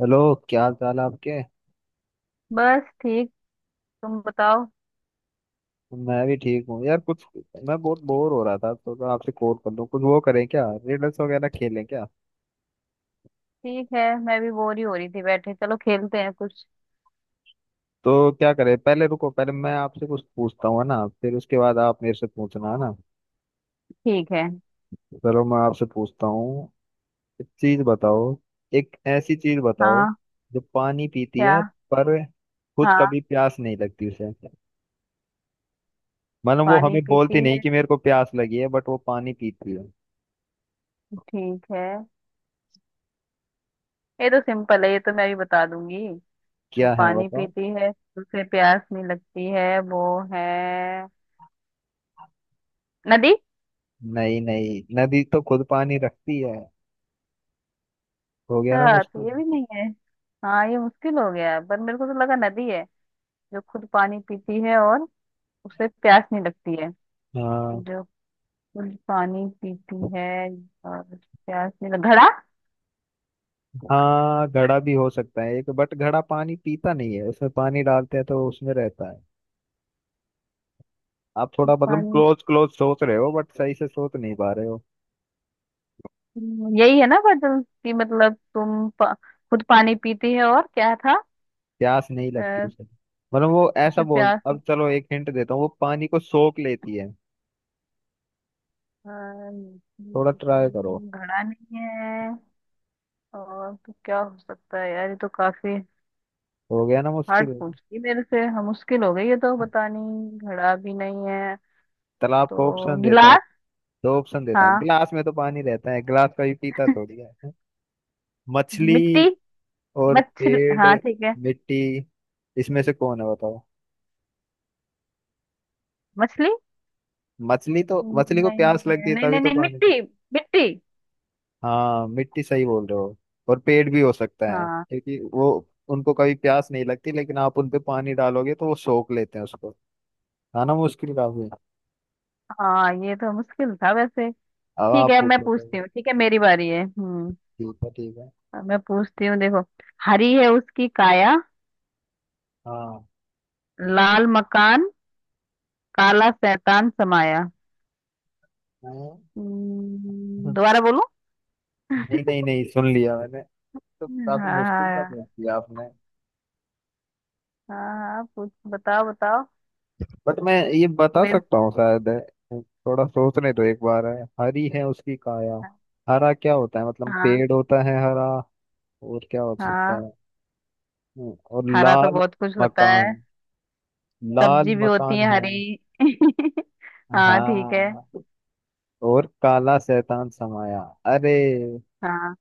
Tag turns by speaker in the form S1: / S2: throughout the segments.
S1: Hello. क्या हाल चाल है आपके?
S2: बस ठीक। तुम बताओ।
S1: मैं भी ठीक हूँ यार। कुछ मैं बहुत बोर हो रहा था तो मैं आपसे कॉल कर लूँ। कुछ वो करें क्या, रिडल्स वगैरह खेलें क्या?
S2: ठीक है, मैं भी बोर ही हो रही थी बैठे। चलो खेलते हैं कुछ।
S1: तो क्या करें? पहले रुको, पहले मैं आपसे कुछ पूछता हूँ, है ना? फिर उसके बाद आप मेरे से पूछना, है ना?
S2: ठीक है।
S1: चलो, मैं आपसे पूछता हूँ। एक चीज बताओ। एक ऐसी चीज बताओ
S2: हाँ।
S1: जो पानी पीती
S2: क्या?
S1: है पर खुद
S2: हाँ।
S1: कभी प्यास नहीं लगती उसे। मतलब वो
S2: पानी
S1: हमें
S2: पीती
S1: बोलती नहीं
S2: है।
S1: कि मेरे को प्यास लगी है, बट वो पानी पीती है।
S2: ठीक है। ये तो सिंपल है, ये तो मैं भी बता दूंगी। जो
S1: क्या है,
S2: पानी
S1: बताओ।
S2: पीती है उसे प्यास नहीं लगती है, वो है नदी।
S1: नहीं नहीं, नदी तो खुद पानी रखती है। हो गया ना
S2: अच्छा,
S1: मुश्किल।
S2: तो ये भी नहीं है। हाँ, ये मुश्किल हो गया, पर मेरे को तो लगा नदी है। जो खुद पानी पीती है और उसे प्यास नहीं लगती है।
S1: हाँ
S2: जो खुद पानी पीती है और प्यास नहीं लग घड़ा।
S1: हाँ, घड़ा भी हो सकता है एक, बट घड़ा पानी पीता नहीं है, उसमें पानी डालते हैं तो उसमें रहता है। आप थोड़ा मतलब
S2: पानी।
S1: क्लोज क्लोज सोच रहे हो बट सही से सोच नहीं पा रहे हो।
S2: यही है ना? बदल कि मतलब खुद पानी पीती है और क्या था?
S1: प्यास नहीं लगती
S2: अ,
S1: उसे। मतलब वो ऐसा
S2: उसे
S1: बोल, अब
S2: प्यास।
S1: चलो एक हिंट देता हूँ, वो पानी को सोख लेती है।
S2: अ,
S1: थोड़ा ट्राई करो।
S2: घड़ा नहीं है। और तो क्या हो सकता है यार, ये तो काफी
S1: हो गया ना
S2: हार्ड
S1: मुश्किल।
S2: पूछ ली मेरे से। हम मुश्किल हो गई है तो बतानी। घड़ा भी नहीं है।
S1: तालाब को
S2: तो
S1: ऑप्शन देता हूँ।
S2: गिलास?
S1: दो ऑप्शन देता हूँ,
S2: हाँ,
S1: गिलास में तो पानी रहता है, गिलास का भी पीता थोड़ी है। मछली
S2: मिट्टी।
S1: और
S2: मछली, हाँ
S1: पेड़।
S2: ठीक है।
S1: मिट्टी। इसमें से कौन है, बताओ।
S2: मछली।
S1: मछली? तो मछली को
S2: नहीं नहीं
S1: प्यास लगती
S2: नहीं
S1: है,
S2: नहीं
S1: तभी
S2: नहीं
S1: तो
S2: नहीं,
S1: पानी पीती।
S2: मिट्टी। मिट्टी।
S1: हाँ मिट्टी, सही बोल रहे हो। और पेड़ भी हो सकता है,
S2: हाँ
S1: क्योंकि वो उनको कभी प्यास नहीं लगती, लेकिन आप उनपे पानी डालोगे तो वो सोख लेते हैं उसको। है ना मुश्किल काफी।
S2: हाँ, ये तो मुश्किल था वैसे।
S1: अब
S2: ठीक
S1: आप
S2: है, मैं
S1: पूछो
S2: पूछती
S1: कोई।
S2: हूँ। ठीक है, मेरी बारी है। हम्म।
S1: ठीक है ठीक है।
S2: अब मैं पूछती हूँ, देखो। हरी है उसकी काया।
S1: हाँ
S2: लाल मकान। काला शैतान समाया।
S1: हाँ।
S2: दोबारा बोलूं?
S1: नहीं नहीं नहीं, सुन लिया मैंने। तो काफी
S2: हाँ।
S1: मुश्किल का पूछ
S2: हाँ
S1: लिया आपने।
S2: हाँ हाँ पूछ, बताओ बताओ।
S1: बट मैं ये बता
S2: मेरे।
S1: सकता हूँ शायद है। थोड़ा सोचने तो एक बार है, हरी है उसकी काया। हरा क्या होता है? मतलब
S2: हाँ
S1: पेड़ होता है हरा। और क्या हो सकता
S2: हाँ।
S1: है? और
S2: हरा तो
S1: लाल।
S2: बहुत कुछ होता है।
S1: मकान। लाल
S2: सब्जी भी होती
S1: मकान
S2: है
S1: है।
S2: हरी। हाँ ठीक है।
S1: हाँ। और काला शैतान समाया। अरे
S2: हाँ।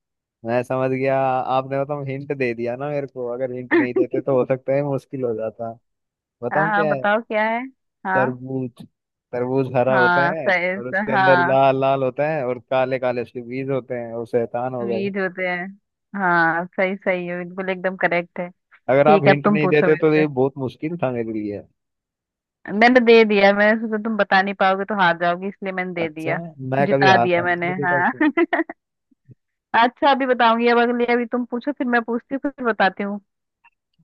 S1: मैं समझ गया। आपने बताऊँ, हिंट दे दिया ना मेरे को, अगर हिंट नहीं देते तो हो सकता है मुश्किल हो जाता।
S2: हाँ
S1: बताऊँ
S2: हाँ,
S1: क्या है?
S2: बताओ क्या है। हाँ।
S1: तरबूज। तरबूज हरा होता
S2: हाँ
S1: है।
S2: सही।
S1: और उसके अंदर
S2: हाँ।
S1: लाल लाल होता है और काले काले उसके बीज होते हैं और शैतान हो गए।
S2: वीड होते हैं। हाँ सही, सही है, बिल्कुल एकदम करेक्ट है।
S1: अगर आप
S2: ठीक है, अब
S1: हिंट
S2: तुम
S1: नहीं
S2: पूछो
S1: देते
S2: मेरे
S1: तो ये
S2: से।
S1: बहुत मुश्किल था मेरे लिए।
S2: मैंने तो दे दिया, मैंने सोचा तुम बता नहीं पाओगे तो हार जाओगी, इसलिए मैंने दे
S1: अच्छा
S2: दिया।
S1: है, मैं कभी
S2: जिता
S1: हार
S2: दिया
S1: मान
S2: मैंने,
S1: नहीं देता उसमें।
S2: हाँ। अच्छा अभी बताऊंगी, अब अगली अभी तुम पूछो, फिर मैं पूछती हूँ, फिर बताती हूँ।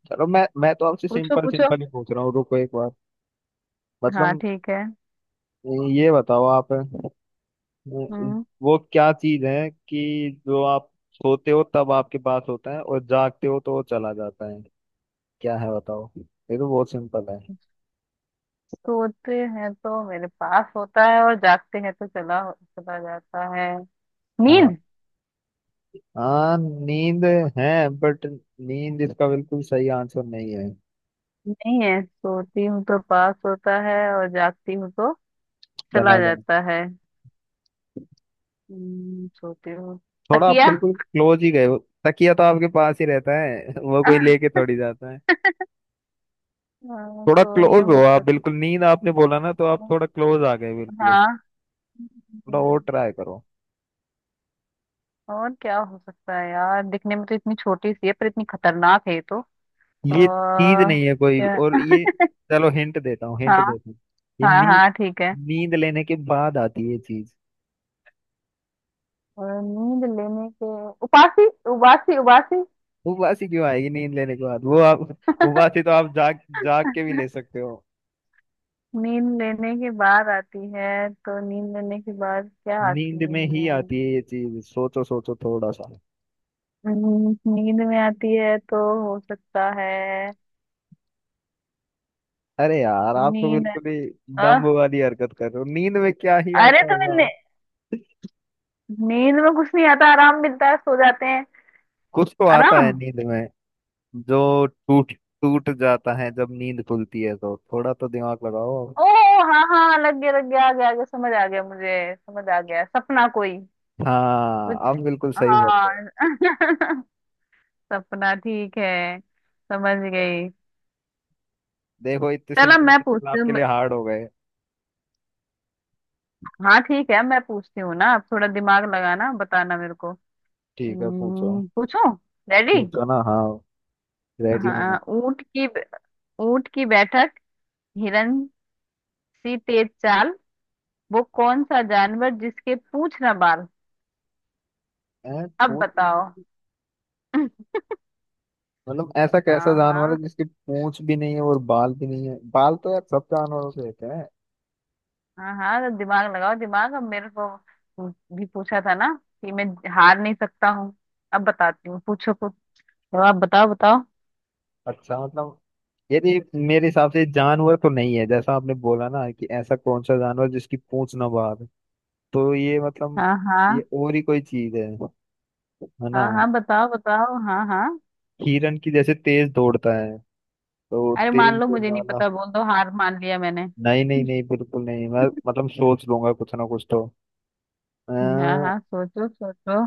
S1: चलो मैं तो आपसे
S2: पूछो
S1: सिंपल
S2: पूछो।
S1: सिंपल ही पूछ रहा हूँ, रुको एक बार।
S2: हाँ
S1: मतलब
S2: ठीक है।
S1: ये बताओ आप। वो
S2: हम्म।
S1: वो क्या चीज है कि जो आप सोते हो तब आपके पास होता है और जागते हो तो वो चला जाता है? क्या है बताओ, ये तो बहुत सिंपल है।
S2: सोते हैं तो मेरे पास होता है और जागते हैं तो चला चला जाता है।
S1: हाँ।
S2: नींद।
S1: हाँ नींद है, बट नींद इसका बिल्कुल सही आंसर नहीं है।
S2: नहीं है? सोती हूँ तो पास होता है और जागती हूँ तो चला
S1: चला जाए।
S2: जाता है। सोते हो।
S1: थोड़ा आप
S2: तकिया।
S1: बिल्कुल क्लोज ही गए हो। तकिया तो आपके पास ही रहता है, वो कोई लेके थोड़ी जाता है।
S2: हाँ,
S1: थोड़ा
S2: तो ये
S1: क्लोज हो
S2: हो
S1: आप,
S2: सकता
S1: बिल्कुल नींद आपने बोला ना तो आप
S2: है।
S1: थोड़ा क्लोज आ गए बिल्कुल उस।
S2: हाँ।
S1: थोड़ा और
S2: हम्म,
S1: ट्राई करो।
S2: और क्या हो सकता है यार, दिखने में तो इतनी छोटी सी है पर इतनी खतरनाक है ये तो।
S1: ये चीज
S2: और
S1: नहीं है कोई
S2: क्या?
S1: और ये, चलो हिंट देता हूँ हिंट
S2: हाँ
S1: देता हूँ ये
S2: हाँ हाँ ठीक है।
S1: नींद लेने के बाद आती है ये चीज।
S2: और नींद लेने के। उबासी, उबासी, उबासी।
S1: उबासी क्यों आएगी नींद लेने के बाद, वो आप। उबासी तो आप जाग जाग के भी ले सकते हो।
S2: नींद लेने के बाद आती है तो नींद लेने के बाद क्या आती
S1: नींद में ही
S2: है?
S1: आती है ये चीज, सोचो सोचो थोड़ा सा।
S2: नींद में आती है तो हो सकता है।
S1: अरे यार आप तो
S2: नींद।
S1: बिल्कुल ही डम्ब वाली हरकत कर रहे हो, नींद में क्या ही
S2: अरे
S1: आता होगा।
S2: नींद में कुछ नहीं आता, आराम मिलता है, सो जाते हैं।
S1: कुछ तो आता
S2: आराम।
S1: है नींद में। जो टूट टूट जाता है जब नींद खुलती है, तो थोड़ा तो दिमाग लगाओ।
S2: ओ। हाँ हाँ, लग गया लग गया, आ गया आ गया, समझ आ गया मुझे, समझ आ गया सपना कोई,
S1: हाँ
S2: कुछ।
S1: आप बिल्कुल सही बोल रहे हो।
S2: हाँ। सपना, ठीक है। समझ गई।
S1: देखो इतने
S2: चलो
S1: सिंपल
S2: मैं
S1: सिंपल
S2: पूछती
S1: आपके
S2: हूँ।
S1: लिए हार्ड हो गए।
S2: हाँ ठीक है, मैं पूछती हूँ ना, अब थोड़ा दिमाग लगाना, बताना मेरे को।
S1: ठीक है, पूछो
S2: पूछो। रेडी?
S1: पूछो ना, हाँ। रेडी हूँ मैं।
S2: हाँ, ऊंट की। ऊंट की बैठक। हिरन सी तेज चाल। वो कौन सा जानवर जिसके पूंछ ना बाल?
S1: ऐ,
S2: अब
S1: पूछ भी
S2: बताओ।
S1: नहीं-
S2: हाँ।
S1: मतलब ऐसा कैसा जानवर है
S2: हाँ।
S1: जिसकी पूंछ भी नहीं है और बाल भी नहीं है, बाल तो यार सब जानवरों से होते हैं।
S2: हाँ हाँ, तो दिमाग लगाओ दिमाग, अब मेरे को भी पूछा था ना कि मैं हार नहीं सकता हूँ। अब बताती हूँ, पूछो कुछ। तो आप बताओ बताओ।
S1: अच्छा मतलब यदि मेरे हिसाब से जानवर तो नहीं है, जैसा आपने बोला ना कि ऐसा कौन सा जानवर जिसकी पूंछ ना बाहर। तो ये मतलब
S2: हाँ
S1: ये
S2: हाँ।
S1: और ही कोई चीज है ना?
S2: हाँ हाँ बताओ बताओ, हाँ हाँ।
S1: हिरण की जैसे तेज दौड़ता है, तो
S2: अरे मान
S1: तेज
S2: लो, मुझे
S1: दौड़ने
S2: नहीं
S1: वाला।
S2: पता, बोल दो, हार मान लिया मैंने।
S1: नहीं नहीं नहीं, बिल्कुल नहीं, मैं मतलब सोच लूंगा कुछ ना कुछ तो।
S2: हाँ
S1: अः
S2: हाँ सोचो सोचो।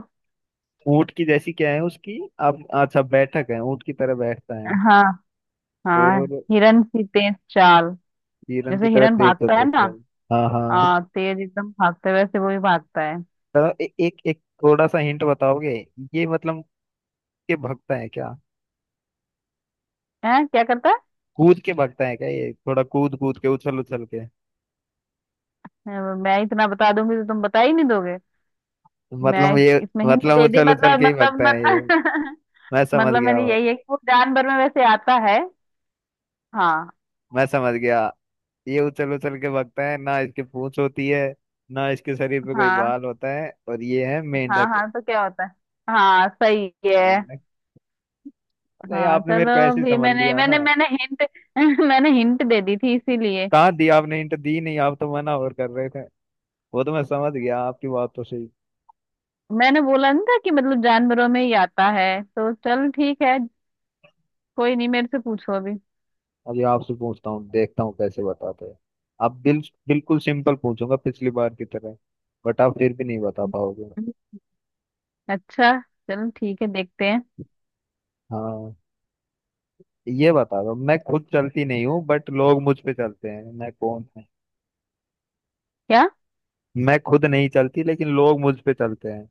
S1: ऊंट की जैसी क्या है उसकी। अब अच्छा बैठक है, ऊंट की तरह बैठता है
S2: हाँ हाँ,
S1: और
S2: हिरन की तेज चाल।
S1: हिरण की
S2: जैसे
S1: तरह
S2: हिरन
S1: तेज दौड़
S2: भागता है
S1: सकता है।
S2: ना।
S1: हाँ हाँ,
S2: हाँ, तेज एकदम भागता है, वैसे वो भी भागता है।
S1: तो एक एक थोड़ा सा हिंट बताओगे? ये मतलब के भगता है क्या?
S2: हैं, क्या करता है?
S1: कूद के भगता है क्या, ये थोड़ा कूद कूद के उछल उछल के?
S2: मैं। मैं इतना बता दूंगी तो तुम बता ही नहीं दोगे। मैं
S1: मतलब ये
S2: इसमें हिंट
S1: मतलब
S2: दे दी
S1: उछल उछल
S2: मतलब,
S1: के ही
S2: मतलब
S1: भगता है ये?
S2: मतलब
S1: मैं समझ
S2: मतलब
S1: गया
S2: मैंने
S1: हूँ,
S2: यही है कि वो जानवर में वैसे आता है। हाँ
S1: मैं समझ गया। ये उछल उछल के भगता है ना, इसके पूंछ होती है ना, इसके शरीर पे कोई
S2: हाँ।
S1: बाल होता है, और ये है
S2: हाँ
S1: मेंढक।
S2: हाँ, तो क्या होता है? हाँ सही है।
S1: मेंढक। अरे
S2: हाँ
S1: आपने मेरे
S2: चलो
S1: को ऐसे ही
S2: भी
S1: समझ
S2: मैंने
S1: लिया ना।
S2: मैंने मैंने हिंट। मैंने हिंट दे दी थी इसीलिए।
S1: कहाँ दी आपने हिंट? दी नहीं, आप तो मना और कर रहे थे। वो तो मैं समझ गया, आपकी बात तो सही।
S2: मैंने बोला नहीं था कि मतलब जानवरों में ही आता है, तो चल ठीक है। कोई नहीं, मेरे से पूछो अभी।
S1: अभी आपसे पूछता हूँ, देखता हूँ कैसे बताते हैं। अब बिल्कुल सिंपल पूछूंगा पिछली बार की तरह, बट आप फिर भी नहीं बता पाओगे।
S2: अच्छा, चलो ठीक है देखते हैं।
S1: हाँ ये बता दो, मैं खुद चलती नहीं हूँ बट लोग मुझ पे चलते हैं, मैं कौन हूँ?
S2: क्या?
S1: मैं खुद नहीं चलती लेकिन लोग मुझ पे चलते हैं,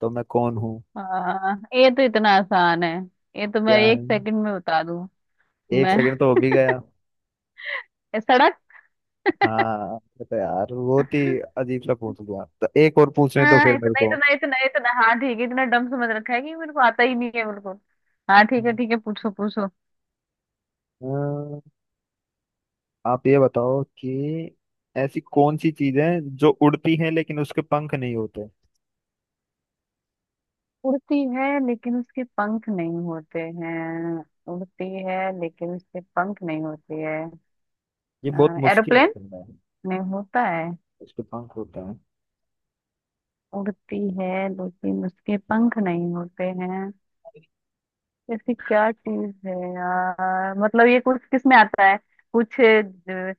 S1: तो मैं कौन हूँ?
S2: हाँ, ये तो इतना आसान है, ये तो मैं
S1: क्या
S2: एक
S1: है?
S2: सेकंड में बता दूं।
S1: एक
S2: मैं
S1: सेकंड तो हो भी गया।
S2: ये सड़क।
S1: हाँ तो यार, बहुत ही अजीब सा पूछ लिया, तो एक और पूछने तो फिर
S2: हाँ,
S1: मेरे
S2: इतना
S1: को।
S2: इतना इतना इतना, हाँ ठीक है, इतना डम समझ रखा है कि मेरे को आता ही नहीं है बिल्कुल। हाँ ठीक है, ठीक है पूछो पूछो।
S1: हाँ। आप ये बताओ कि ऐसी कौन सी चीज है जो उड़ती है लेकिन उसके पंख नहीं होते।
S2: उड़ती है लेकिन उसके पंख नहीं होते हैं। उड़ती है लेकिन उसके पंख नहीं होते हैं।
S1: ये बहुत
S2: हाँ,
S1: मुश्किल है
S2: एरोप्लेन।
S1: करना है,
S2: नहीं होता है।
S1: उसके पंख होता है।
S2: उड़ती है लेकिन उसके पंख नहीं होते हैं। ऐसी क्या चीज है यार, मतलब ये कुछ किस में आता है? कुछ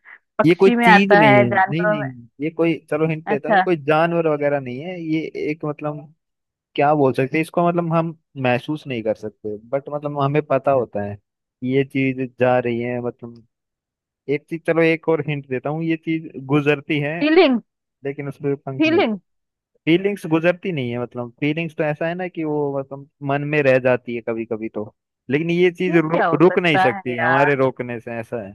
S1: ये कोई
S2: पक्षी में
S1: चीज
S2: आता
S1: नहीं
S2: है,
S1: है, नहीं
S2: जानवरों
S1: नहीं
S2: में।
S1: नहीं। ये कोई, चलो हिंट देता हूँ, ये
S2: अच्छा।
S1: कोई जानवर वगैरह नहीं है, ये एक मतलब क्या बोल सकते हैं इसको। मतलब हम महसूस नहीं कर सकते बट मतलब हमें पता होता है कि ये चीज जा रही है मतलब। एक चीज, चलो एक और हिंट देता हूँ, ये चीज गुजरती है
S2: फीलिंग।
S1: लेकिन उस पर पंख नहीं।
S2: फीलिंग।
S1: फीलिंग्स गुजरती नहीं है, मतलब फीलिंग्स तो ऐसा है ना कि वो मतलब मन में रह जाती है कभी कभी तो। लेकिन ये चीज
S2: फिर क्या हो
S1: रुक नहीं
S2: सकता है
S1: सकती
S2: यार?
S1: हमारे रोकने से, ऐसा है।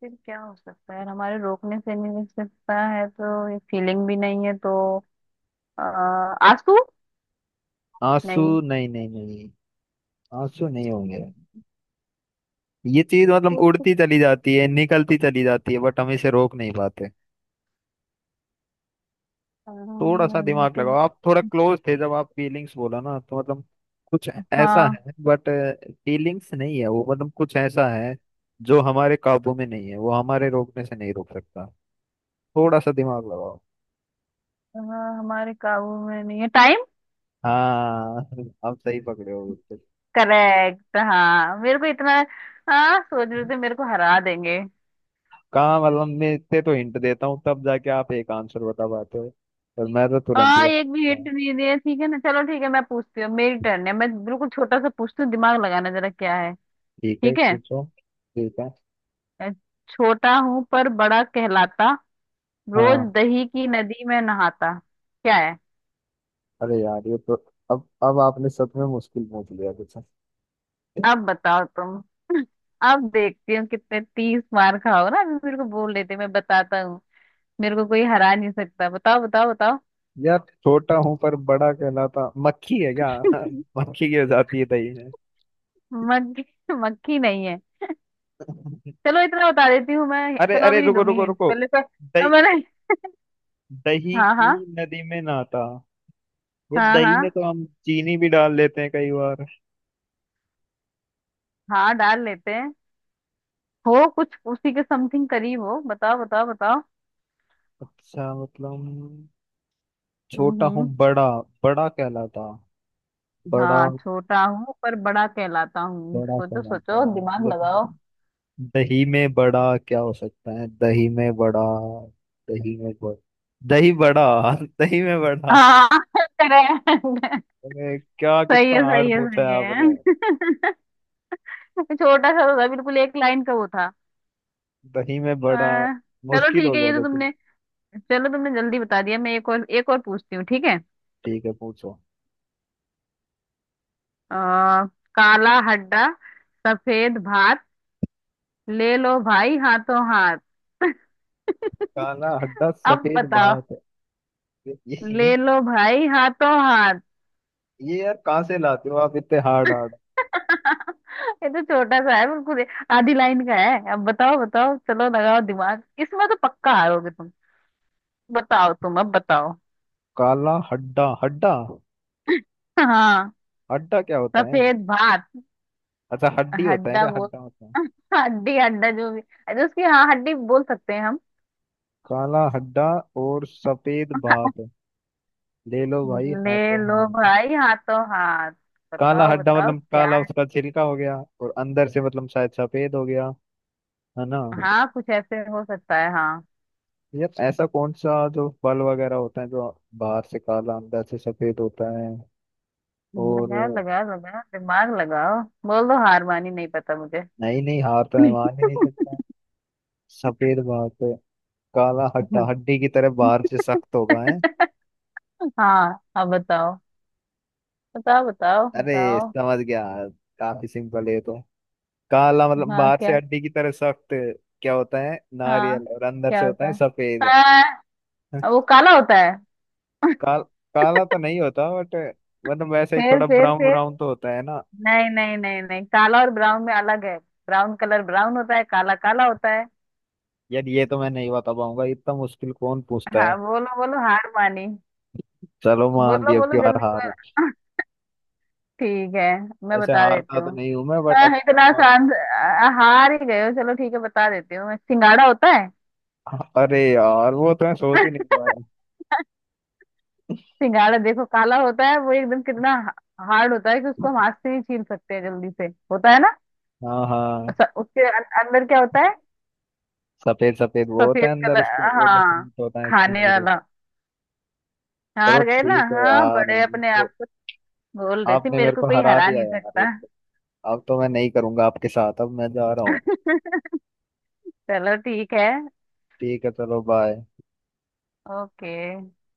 S2: फिर क्या हो सकता है, हमारे रोकने से नहीं मिल सकता है तो ये फीलिंग भी नहीं है तो। अ, आंसू।
S1: आंसू।
S2: नहीं।
S1: नहीं नहीं नहीं, आंसू नहीं होंगे। ये चीज मतलब
S2: तो फिर,
S1: उड़ती चली जाती है, निकलती चली जाती है, बट हम इसे रोक नहीं पाते। थोड़ा सा दिमाग लगाओ,
S2: बिल्कुल-
S1: आप थोड़ा क्लोज थे जब आप फीलिंग्स बोला ना, तो मतलब कुछ ऐसा
S2: हाँ।
S1: है बट फीलिंग्स नहीं है वो, मतलब कुछ ऐसा है जो हमारे काबू में नहीं है, वो हमारे रोकने से नहीं रोक सकता। थोड़ा सा दिमाग लगाओ।
S2: अ, हमारे काबू में नहीं है, टाइम।
S1: हाँ आप सही पकड़े हो बिल्कुल।
S2: करेक्ट, हाँ मेरे को इतना। हाँ सोच रहे थे मेरे को हरा देंगे।
S1: कहाँ, मतलब मैं इतने तो हिंट देता हूँ तब जाके आप एक आंसर बता पाते हो, और मैं तो तुरंत ही
S2: हाँ, एक भी
S1: बता
S2: हिंट
S1: हूँ।
S2: नहीं दिया ठीक है ना, चलो ठीक है मैं पूछती हूँ, मेरी टर्न है, मैं बिल्कुल छोटा सा पूछती हूँ, दिमाग लगाना जरा। क्या है?
S1: ठीक है
S2: ठीक है।
S1: पूछो। ठीक है
S2: अ, छोटा हूँ पर बड़ा कहलाता, रोज
S1: हाँ।
S2: दही की नदी में नहाता। क्या है?
S1: अरे यार ये तो, अब आपने सच में मुश्किल पूछ लिया कुछ।
S2: अब बताओ तुम। अब देखती हूँ कितने तीस मार खाओ ना, अभी मेरे को बोल लेते मैं बताता हूँ। मेरे को कोई हरा नहीं सकता, बताओ बताओ बताओ।
S1: यार छोटा हूँ पर बड़ा कहलाता, मक्खी है क्या? मक्खी की हो जाती है दही में।
S2: मक्खी। मक्खी नहीं है। चलो इतना बता देती हूँ मैं,
S1: अरे
S2: चलो
S1: अरे,
S2: अभी नहीं
S1: रुको
S2: दूंगी
S1: रुको
S2: हिंट
S1: रुको।
S2: पहले, तो
S1: दही,
S2: मैंने।
S1: दही
S2: हाँ हाँ।
S1: की नदी में नाता। ये
S2: हाँ
S1: दही में
S2: हाँ।
S1: तो हम चीनी भी डाल लेते हैं कई बार।
S2: हाँ डाल लेते हैं। हो कुछ उसी के समथिंग करीब हो, बताओ बताओ बताओ।
S1: अच्छा मतलब
S2: हम्म,
S1: छोटा हूँ
S2: हम्म।
S1: बड़ा, बड़ा कहलाता, बड़ा,
S2: हाँ, छोटा हूँ पर बड़ा कहलाता हूँ,
S1: बड़ा
S2: सोचो
S1: कहलाता
S2: सोचो
S1: है
S2: दिमाग लगाओ।
S1: लेकिन दही में बड़ा। क्या हो सकता है दही में बड़ा, दही में बड़ा, दही बड़ा, दही में बड़ा।
S2: हाँ करेक्ट।
S1: अरे क्या
S2: सही
S1: कितना
S2: है, सही
S1: हार्ड
S2: है,
S1: पूछा है
S2: सही
S1: आपने।
S2: है। छोटा सा तो था बिल्कुल, 1 लाइन का वो था।
S1: दही में बड़ा,
S2: आ, चलो
S1: मुश्किल
S2: ठीक
S1: हो
S2: है,
S1: गया
S2: ये तो
S1: लेकिन।
S2: तुमने, चलो तुमने जल्दी बता दिया। मैं एक और, एक और पूछती हूँ, ठीक है।
S1: ठीक है पूछो।
S2: आ, काला हड्डा, सफेद भात, ले लो भाई हाथों हाथ।
S1: काला हड्डा
S2: अब
S1: सफेद
S2: बताओ।
S1: भात है। ये ये
S2: ले
S1: ये
S2: लो भाई हाथों हाथ।
S1: ये यार, कहाँ से लाते हो आप इतने हार्ड हार्ड?
S2: ये तो छोटा सा है बिल्कुल, आधी लाइन का है। अब बताओ बताओ, चलो लगाओ दिमाग, इसमें तो पक्का हारोगे तुम। बताओ तुम, अब बताओ।
S1: काला हड्डा हड्डा।
S2: हाँ।
S1: हड्डा क्या होता है?
S2: सफेद भात।
S1: अच्छा, हड्डी होता है
S2: हड्डा
S1: क्या
S2: बोल।
S1: हड्डा होता है?
S2: हड्डी हड्डा जो भी। अरे उसकी, हाँ हड्डी बोल सकते हैं हम।
S1: काला हड्डा और सफेद भात ले लो भाई
S2: ले
S1: हाथों
S2: लो
S1: हाथ।
S2: भाई हाथों हाथ।
S1: काला
S2: बताओ
S1: हड्डा
S2: बताओ,
S1: मतलब
S2: क्या
S1: काला
S2: है?
S1: उसका छिलका हो गया और अंदर से मतलब शायद सफेद हो गया, है ना?
S2: हाँ कुछ ऐसे हो सकता है, हाँ।
S1: यार ऐसा कौन सा जो फल वगैरह होता है जो बाहर से काला अंदर से सफेद होता है? और
S2: लगाओ लगाओ लगाओ दिमाग लगाओ। बोल दो हार मानी, नहीं पता मुझे।
S1: नहीं नहीं, हार तो मैं मान ही नहीं सकता। सफेद भात, काला हड्डा,
S2: हाँ।
S1: हड्डी की तरह बाहर से सख्त होगा है।
S2: हाँ, अब बताओ बताओ बताओ
S1: अरे
S2: बताओ।
S1: समझ गया, काफी सिंपल है ये तो। काला मतलब
S2: हाँ
S1: बाहर से
S2: क्या?
S1: हड्डी की तरह सख्त, क्या होता है
S2: हाँ,
S1: नारियल, और अंदर से
S2: क्या
S1: होता
S2: होता
S1: है
S2: है?
S1: सफेद।
S2: हाँ वो काला होता है।
S1: काल काला तो नहीं होता बट मतलब वैसे ही थोड़ा
S2: फिर
S1: ब्राउन
S2: फिर।
S1: ब्राउन तो होता है ना।
S2: नहीं नहीं नहीं नहीं, काला और ब्राउन में अलग है। ब्राउन कलर ब्राउन होता है, काला काला होता है।
S1: यार ये तो मैं नहीं बता पाऊंगा, इतना मुश्किल कौन पूछता है?
S2: हाँ बोलो बोलो हार मानी।
S1: चलो मान
S2: बोलो
S1: लिया अब
S2: बोलो
S1: की बार
S2: जल्दी
S1: हार।
S2: बोलो। ठीक है, मैं
S1: ऐसे
S2: बता देती
S1: हारता तो
S2: हूँ।
S1: नहीं हूं मैं बट
S2: हाँ
S1: अब की बार
S2: इतना
S1: मान
S2: आसान से- हार ही गए हो, चलो ठीक है बता देती हूँ मैं। सिंगाड़ा होता है।
S1: लिया। अरे यार वो तो मैं सोच ही नहीं पाया।
S2: सिंघाड़ा देखो काला होता है वो, एकदम कितना हार्ड होता है कि उसको हम हाथ से ही छील सकते हैं जल्दी से। होता है ना?
S1: हाँ हाँ।
S2: उसके अंदर क्या होता है?
S1: सफेद सफेद वो होता
S2: सफेद
S1: है अंदर
S2: कलर।
S1: उसके, वो जो
S2: हाँ।
S1: फ्रूट होता है एक
S2: खाने
S1: single
S2: वाला।
S1: होता है। चलो
S2: हार गए ना,
S1: ठीक है
S2: हाँ,
S1: यार,
S2: बड़े अपने
S1: तो
S2: आप को बोल रहे थे
S1: आपने
S2: मेरे
S1: मेरे
S2: को
S1: को
S2: कोई
S1: हरा
S2: हरा
S1: दिया
S2: नहीं
S1: यार।
S2: सकता।
S1: अब तो मैं नहीं करूंगा आपके साथ, अब मैं जा रहा हूँ।
S2: चलो ठीक है।
S1: ठीक है चलो बाय।
S2: ओके।